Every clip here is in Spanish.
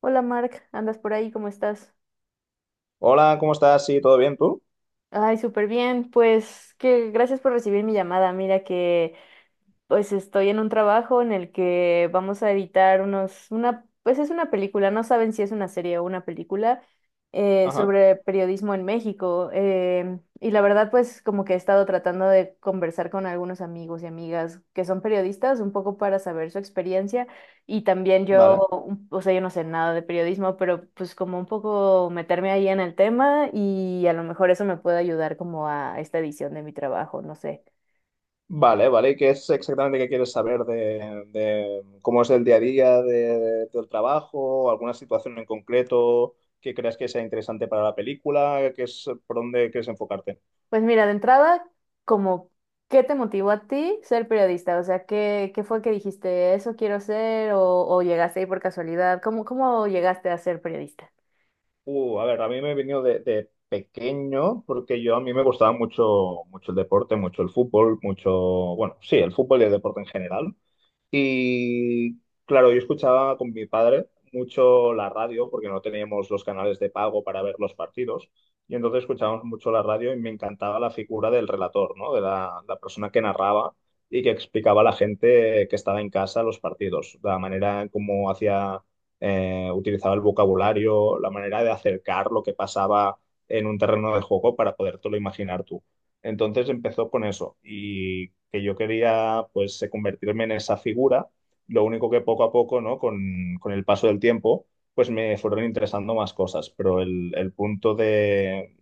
Hola Mark, ¿andas por ahí? ¿Cómo estás? Hola, ¿cómo estás? Sí, ¿todo bien tú? Ay, súper bien. Pues que gracias por recibir mi llamada. Mira que pues estoy en un trabajo en el que vamos a editar pues es una película, no saben si es una serie o una película Ajá. sobre periodismo en México. Y la verdad, pues como que he estado tratando de conversar con algunos amigos y amigas que son periodistas, un poco para saber su experiencia. Y también yo, Vale. Yo no sé nada de periodismo, pero pues como un poco meterme ahí en el tema y a lo mejor eso me puede ayudar como a esta edición de mi trabajo, no sé. Vale, vale. ¿Y qué es exactamente que quieres saber de cómo es el día a día del trabajo? ¿Alguna situación en concreto que creas que sea interesante para la película? ¿Qué es por dónde quieres enfocarte? Pues mira, de entrada, como, ¿qué te motivó a ti ser periodista? O sea, ¿qué fue que dijiste, eso quiero ser? O llegaste ahí por casualidad? ¿Cómo llegaste a ser periodista? A ver, a mí me he venido de pequeño porque yo a mí me gustaba mucho, mucho el deporte, mucho el fútbol, mucho, bueno, sí, el fútbol y el deporte en general. Y claro, yo escuchaba con mi padre mucho la radio, porque no teníamos los canales de pago para ver los partidos, y entonces escuchábamos mucho la radio y me encantaba la figura del relator, ¿no? De la persona que narraba y que explicaba a la gente que estaba en casa los partidos, la manera en cómo hacía, utilizaba el vocabulario, la manera de acercar lo que pasaba en un terreno de juego para podértelo imaginar tú. Entonces empezó con eso y que yo quería pues convertirme en esa figura, lo único que poco a poco, ¿no? Con el paso del tiempo, pues me fueron interesando más cosas, pero el punto de,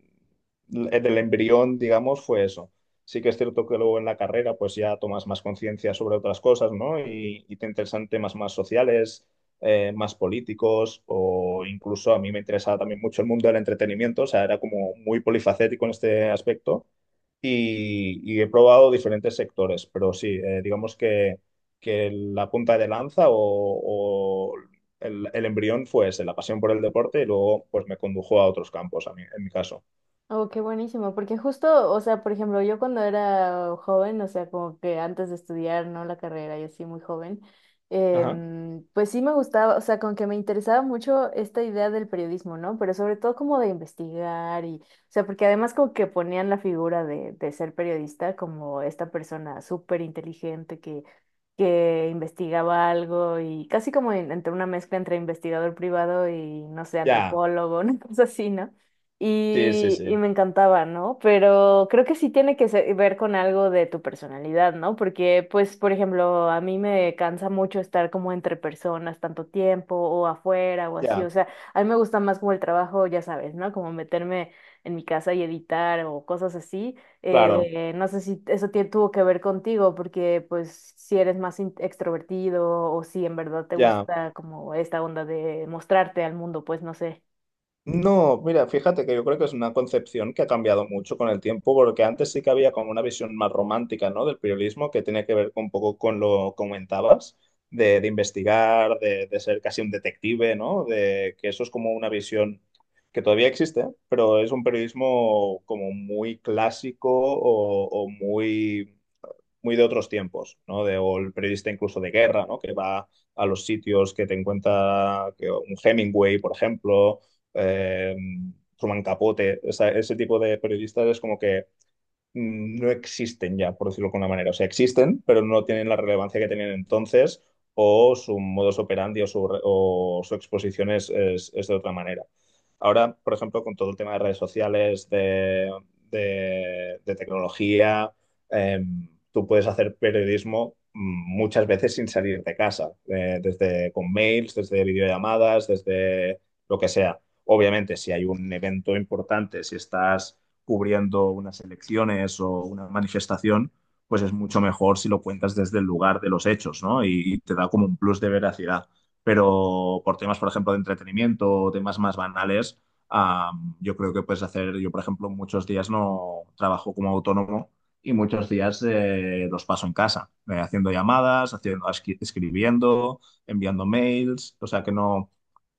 del embrión, digamos, fue eso. Sí que es cierto que luego en la carrera pues ya tomas más conciencia sobre otras cosas, ¿no? Y te interesan temas más sociales, más políticos o incluso a mí me interesaba también mucho el mundo del entretenimiento, o sea, era como muy polifacético en este aspecto y he probado diferentes sectores, pero sí, digamos que la punta de lanza o el embrión fue ese, la pasión por el deporte y luego pues me condujo a otros campos, a mí, en mi caso. Oh, qué buenísimo, porque justo, o sea, por ejemplo, yo cuando era joven, o sea, como que antes de estudiar, ¿no? La carrera, yo sí muy joven, Ajá. Pues sí me gustaba, o sea, con que me interesaba mucho esta idea del periodismo, ¿no? Pero sobre todo como de investigar porque además como que ponían la figura de ser periodista como esta persona súper inteligente que investigaba algo y casi como entre una mezcla entre investigador privado y, no sé, Ya, antropólogo, una cosa así, ¿no? sí, sí, Y, y sí, me encantaba, ¿no? Pero creo que sí tiene que ver con algo de tu personalidad, ¿no? Porque, pues, por ejemplo, a mí me cansa mucho estar como entre personas tanto tiempo o afuera o así, ya, o sea, a mí me gusta más como el trabajo, ya sabes, ¿no? Como meterme en mi casa y editar o cosas así. claro, No sé si eso tuvo que ver contigo, porque, pues, si eres más extrovertido o si en verdad te ya. gusta como esta onda de mostrarte al mundo, pues, no sé. No, mira, fíjate que yo creo que es una concepción que ha cambiado mucho con el tiempo, porque antes sí que había como una visión más romántica, ¿no? Del periodismo que tenía que ver con un poco con lo que comentabas, de investigar, de ser casi un detective, ¿no? De que eso es como una visión que todavía existe, pero es un periodismo como muy clásico o muy muy de otros tiempos, ¿no? De, o el periodista incluso de guerra, ¿no? Que va a los sitios que te encuentra que, un Hemingway, por ejemplo, eh, Truman Capote, ese tipo de periodistas es como que no existen ya, por decirlo de alguna manera. O sea, existen, pero no tienen la relevancia que tenían entonces o su modus operandi o su, o su exposición es, es de otra manera. Ahora, por ejemplo, con todo el tema de redes sociales, de, de tecnología, tú puedes hacer periodismo muchas veces sin salir de casa, desde con mails, desde videollamadas, desde lo que sea. Obviamente, si hay un evento importante, si estás cubriendo unas elecciones o una manifestación, pues es mucho mejor si lo cuentas desde el lugar de los hechos, ¿no? Y te da como un plus de veracidad. Pero por temas, por ejemplo, de entretenimiento o temas más banales, ah, yo creo que puedes hacer, yo por ejemplo, muchos días no trabajo como autónomo y muchos días los paso en casa, haciendo llamadas, haciendo, escribiendo, enviando mails, o sea que no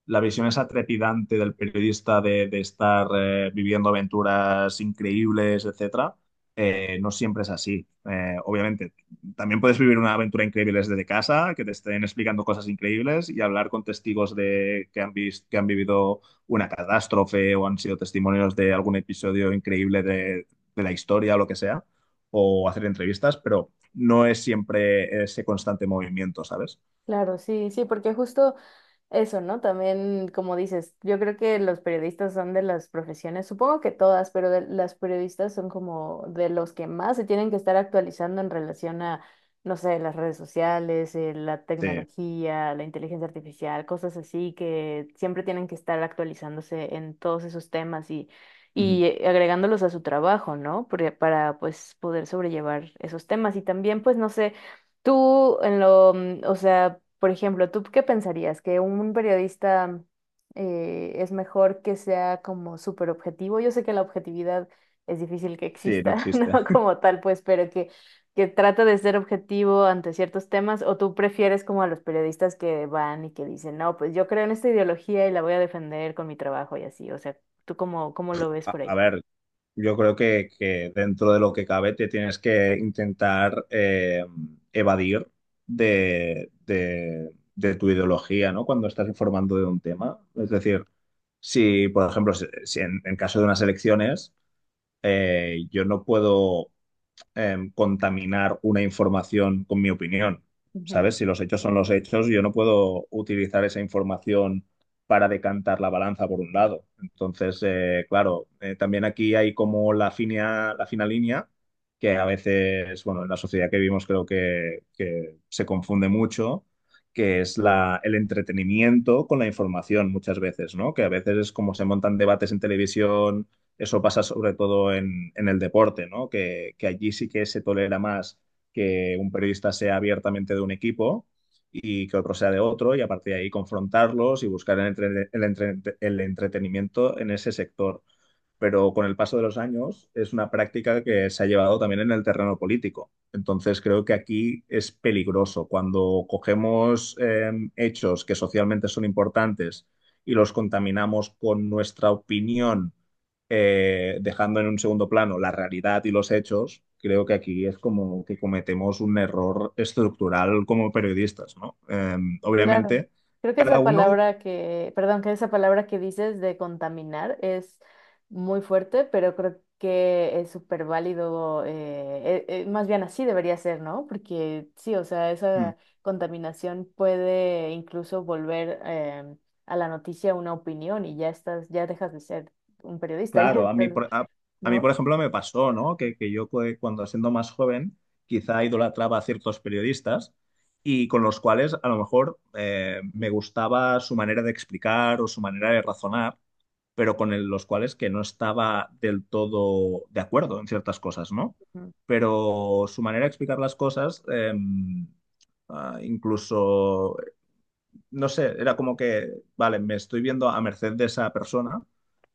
la visión esa trepidante del periodista de estar viviendo aventuras increíbles, etcétera, no siempre es así. Obviamente, también puedes vivir una aventura increíble desde casa, que te estén explicando cosas increíbles y hablar con testigos de que han visto, que han vivido una catástrofe o han sido testimonios de algún episodio increíble de la historia o lo que sea, o hacer entrevistas, pero no es siempre ese constante movimiento, ¿sabes? Claro, sí, sí, porque justo eso, ¿no? También, como dices, yo creo que los periodistas son de las profesiones, supongo que todas, pero de, las periodistas son como de los que más se tienen que estar actualizando en relación a, no sé, las redes sociales, la Sí. tecnología, la inteligencia artificial, cosas así que siempre tienen que estar actualizándose en todos esos temas y, Ujú. y agregándolos a su trabajo, ¿no? Porque- para, pues, poder sobrellevar esos temas y también, pues, no sé, tú en lo, o sea por ejemplo, ¿tú qué pensarías? ¿Que un periodista es mejor que sea como súper objetivo? Yo sé que la objetividad es difícil que Sí, no exista, ¿no? existe. Como tal, pues, pero que trata de ser objetivo ante ciertos temas, ¿o tú prefieres como a los periodistas que van y que dicen, no, pues yo creo en esta ideología y la voy a defender con mi trabajo y así? O sea, ¿tú cómo lo ves A, por ahí? a ver, yo creo que dentro de lo que cabe te tienes que intentar evadir de tu ideología, ¿no? Cuando estás informando de un tema. Es decir, si, por ejemplo, si en, en caso de unas elecciones, yo no puedo contaminar una información con mi opinión. ¿Sabes? Si los hechos son los hechos, yo no puedo utilizar esa información para decantar la balanza por un lado. Entonces, claro, también aquí hay como la fina línea, que a veces, bueno, en la sociedad que vivimos creo que se confunde mucho, que es la, el entretenimiento con la información muchas veces, ¿no? Que a veces es como se montan debates en televisión, eso pasa sobre todo en el deporte, ¿no? Que allí sí que se tolera más que un periodista sea abiertamente de un equipo y que otro sea de otro, y a partir de ahí confrontarlos y buscar el entretenimiento en ese sector, pero con el paso de los años es una práctica que se ha llevado también en el terreno político. Entonces creo que aquí es peligroso cuando cogemos hechos que socialmente son importantes y los contaminamos con nuestra opinión, dejando en un segundo plano la realidad y los hechos. Creo que aquí es como que cometemos un error estructural como periodistas, ¿no? Claro, Obviamente, creo que cada esa uno... palabra que, perdón, que esa palabra que dices de contaminar es muy fuerte, pero creo que es súper válido, más bien así debería ser, ¿no? Porque sí, o sea, hmm, esa contaminación puede incluso volver a la noticia una opinión y ya estás, ya dejas de ser un periodista, ya claro, estás, a mí, ¿no? por ejemplo, me pasó, ¿no? Que yo cuando siendo más joven, quizá idolatraba a ciertos periodistas y con los cuales a lo mejor me gustaba su manera de explicar o su manera de razonar, pero con los cuales que no estaba del todo de acuerdo en ciertas cosas, ¿no? Ujú. Pero su manera de explicar las cosas, incluso no sé, era como que, vale, me estoy viendo a merced de esa persona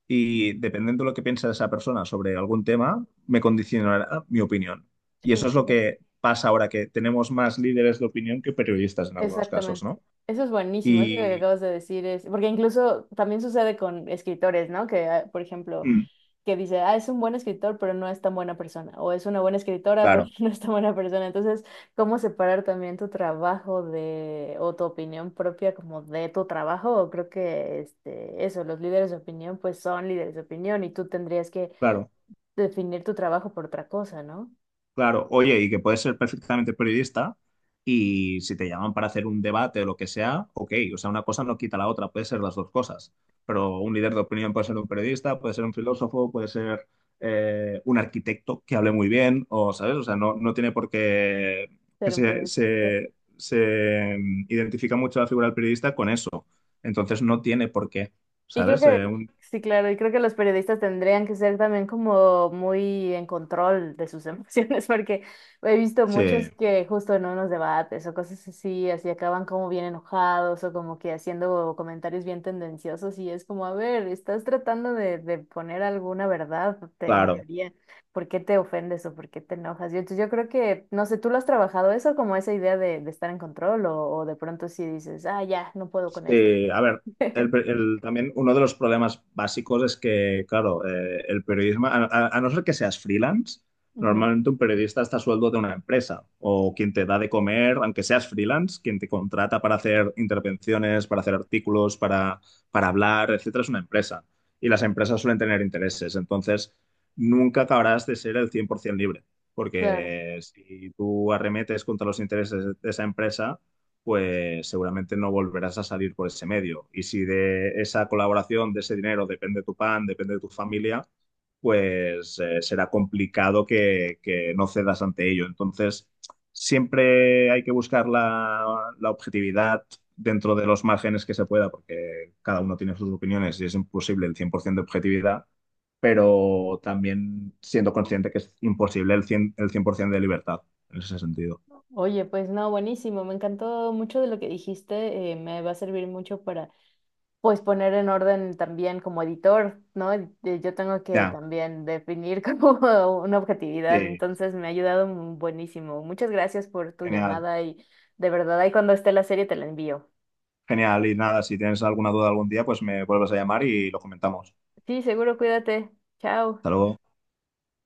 y dependiendo de lo que piensa esa persona sobre algún tema, me condicionará mi opinión. Y eso Sí, es lo claro. que pasa ahora, que tenemos más líderes de opinión que periodistas en algunos casos, Exactamente. ¿no? Eso es buenísimo, eso que Y acabas de decir es, porque incluso también sucede con escritores, ¿no? Que, ah, por ejemplo, mm, que dice, ah, es un buen escritor, pero no es tan buena persona, o es una buena escritora, pero claro, no es tan buena persona. Entonces, ¿cómo separar también tu trabajo de, o tu opinión propia como de tu trabajo? Creo que, este, eso, los líderes de opinión, pues son líderes de opinión y tú tendrías que claro. definir tu trabajo por otra cosa, ¿no? Claro, oye, y que puedes ser perfectamente periodista y si te llaman para hacer un debate o lo que sea, ok, o sea, una cosa no quita la otra, puede ser las dos cosas, pero un líder de opinión puede ser un periodista, puede ser un filósofo, puede ser un arquitecto que hable muy bien, o, ¿sabes? O sea, no, no tiene por qué que Ser un periodista. Se identifica mucho la figura del periodista con eso, entonces no tiene por qué, Y creo ¿sabes? Que, sí, claro, y creo que los periodistas tendrían que ser también como muy en control de sus emociones, porque he visto Sí, muchos que justo en unos debates o cosas así, así acaban como bien enojados o como que haciendo comentarios bien tendenciosos y es como, a ver, estás tratando de poner alguna verdad en claro. teoría, ¿por qué te ofendes o por qué te enojas? Yo, entonces yo creo que, no sé, ¿tú lo has trabajado eso como esa idea de estar en control o de pronto sí dices, ah, ya, no puedo con esto? Sí, a ver, también uno de los problemas básicos es que, claro, el periodismo, a no ser que seas freelance, Ujú, normalmente un periodista está a sueldo de una empresa o quien te da de comer, aunque seas freelance, quien te contrata para hacer intervenciones, para hacer artículos, para hablar, etcétera, es una empresa. Y las empresas suelen tener intereses, entonces nunca acabarás de ser el 100% libre, claro. porque si tú arremetes contra los intereses de esa empresa pues seguramente no volverás a salir por ese medio. Y si de esa colaboración, de ese dinero, depende tu pan, depende de tu familia, pues será complicado que no cedas ante ello. Entonces, siempre hay que buscar la objetividad dentro de los márgenes que se pueda, porque cada uno tiene sus opiniones y es imposible el 100% de objetividad, pero también siendo consciente que es imposible el 100%, el 100% de libertad en ese sentido. Oye, pues no, buenísimo, me encantó mucho de lo que dijiste, me va a servir mucho para pues poner en orden también como editor, ¿no? Y yo tengo que Ya, también definir como una objetividad, sí, sí, entonces sí. me ha ayudado buenísimo. Muchas gracias por tu Genial. llamada y de verdad ahí cuando esté la serie te la envío. Genial, y nada, si tienes alguna duda algún día, pues me vuelves a llamar y lo comentamos. Sí, seguro, cuídate. Chao. Hasta luego.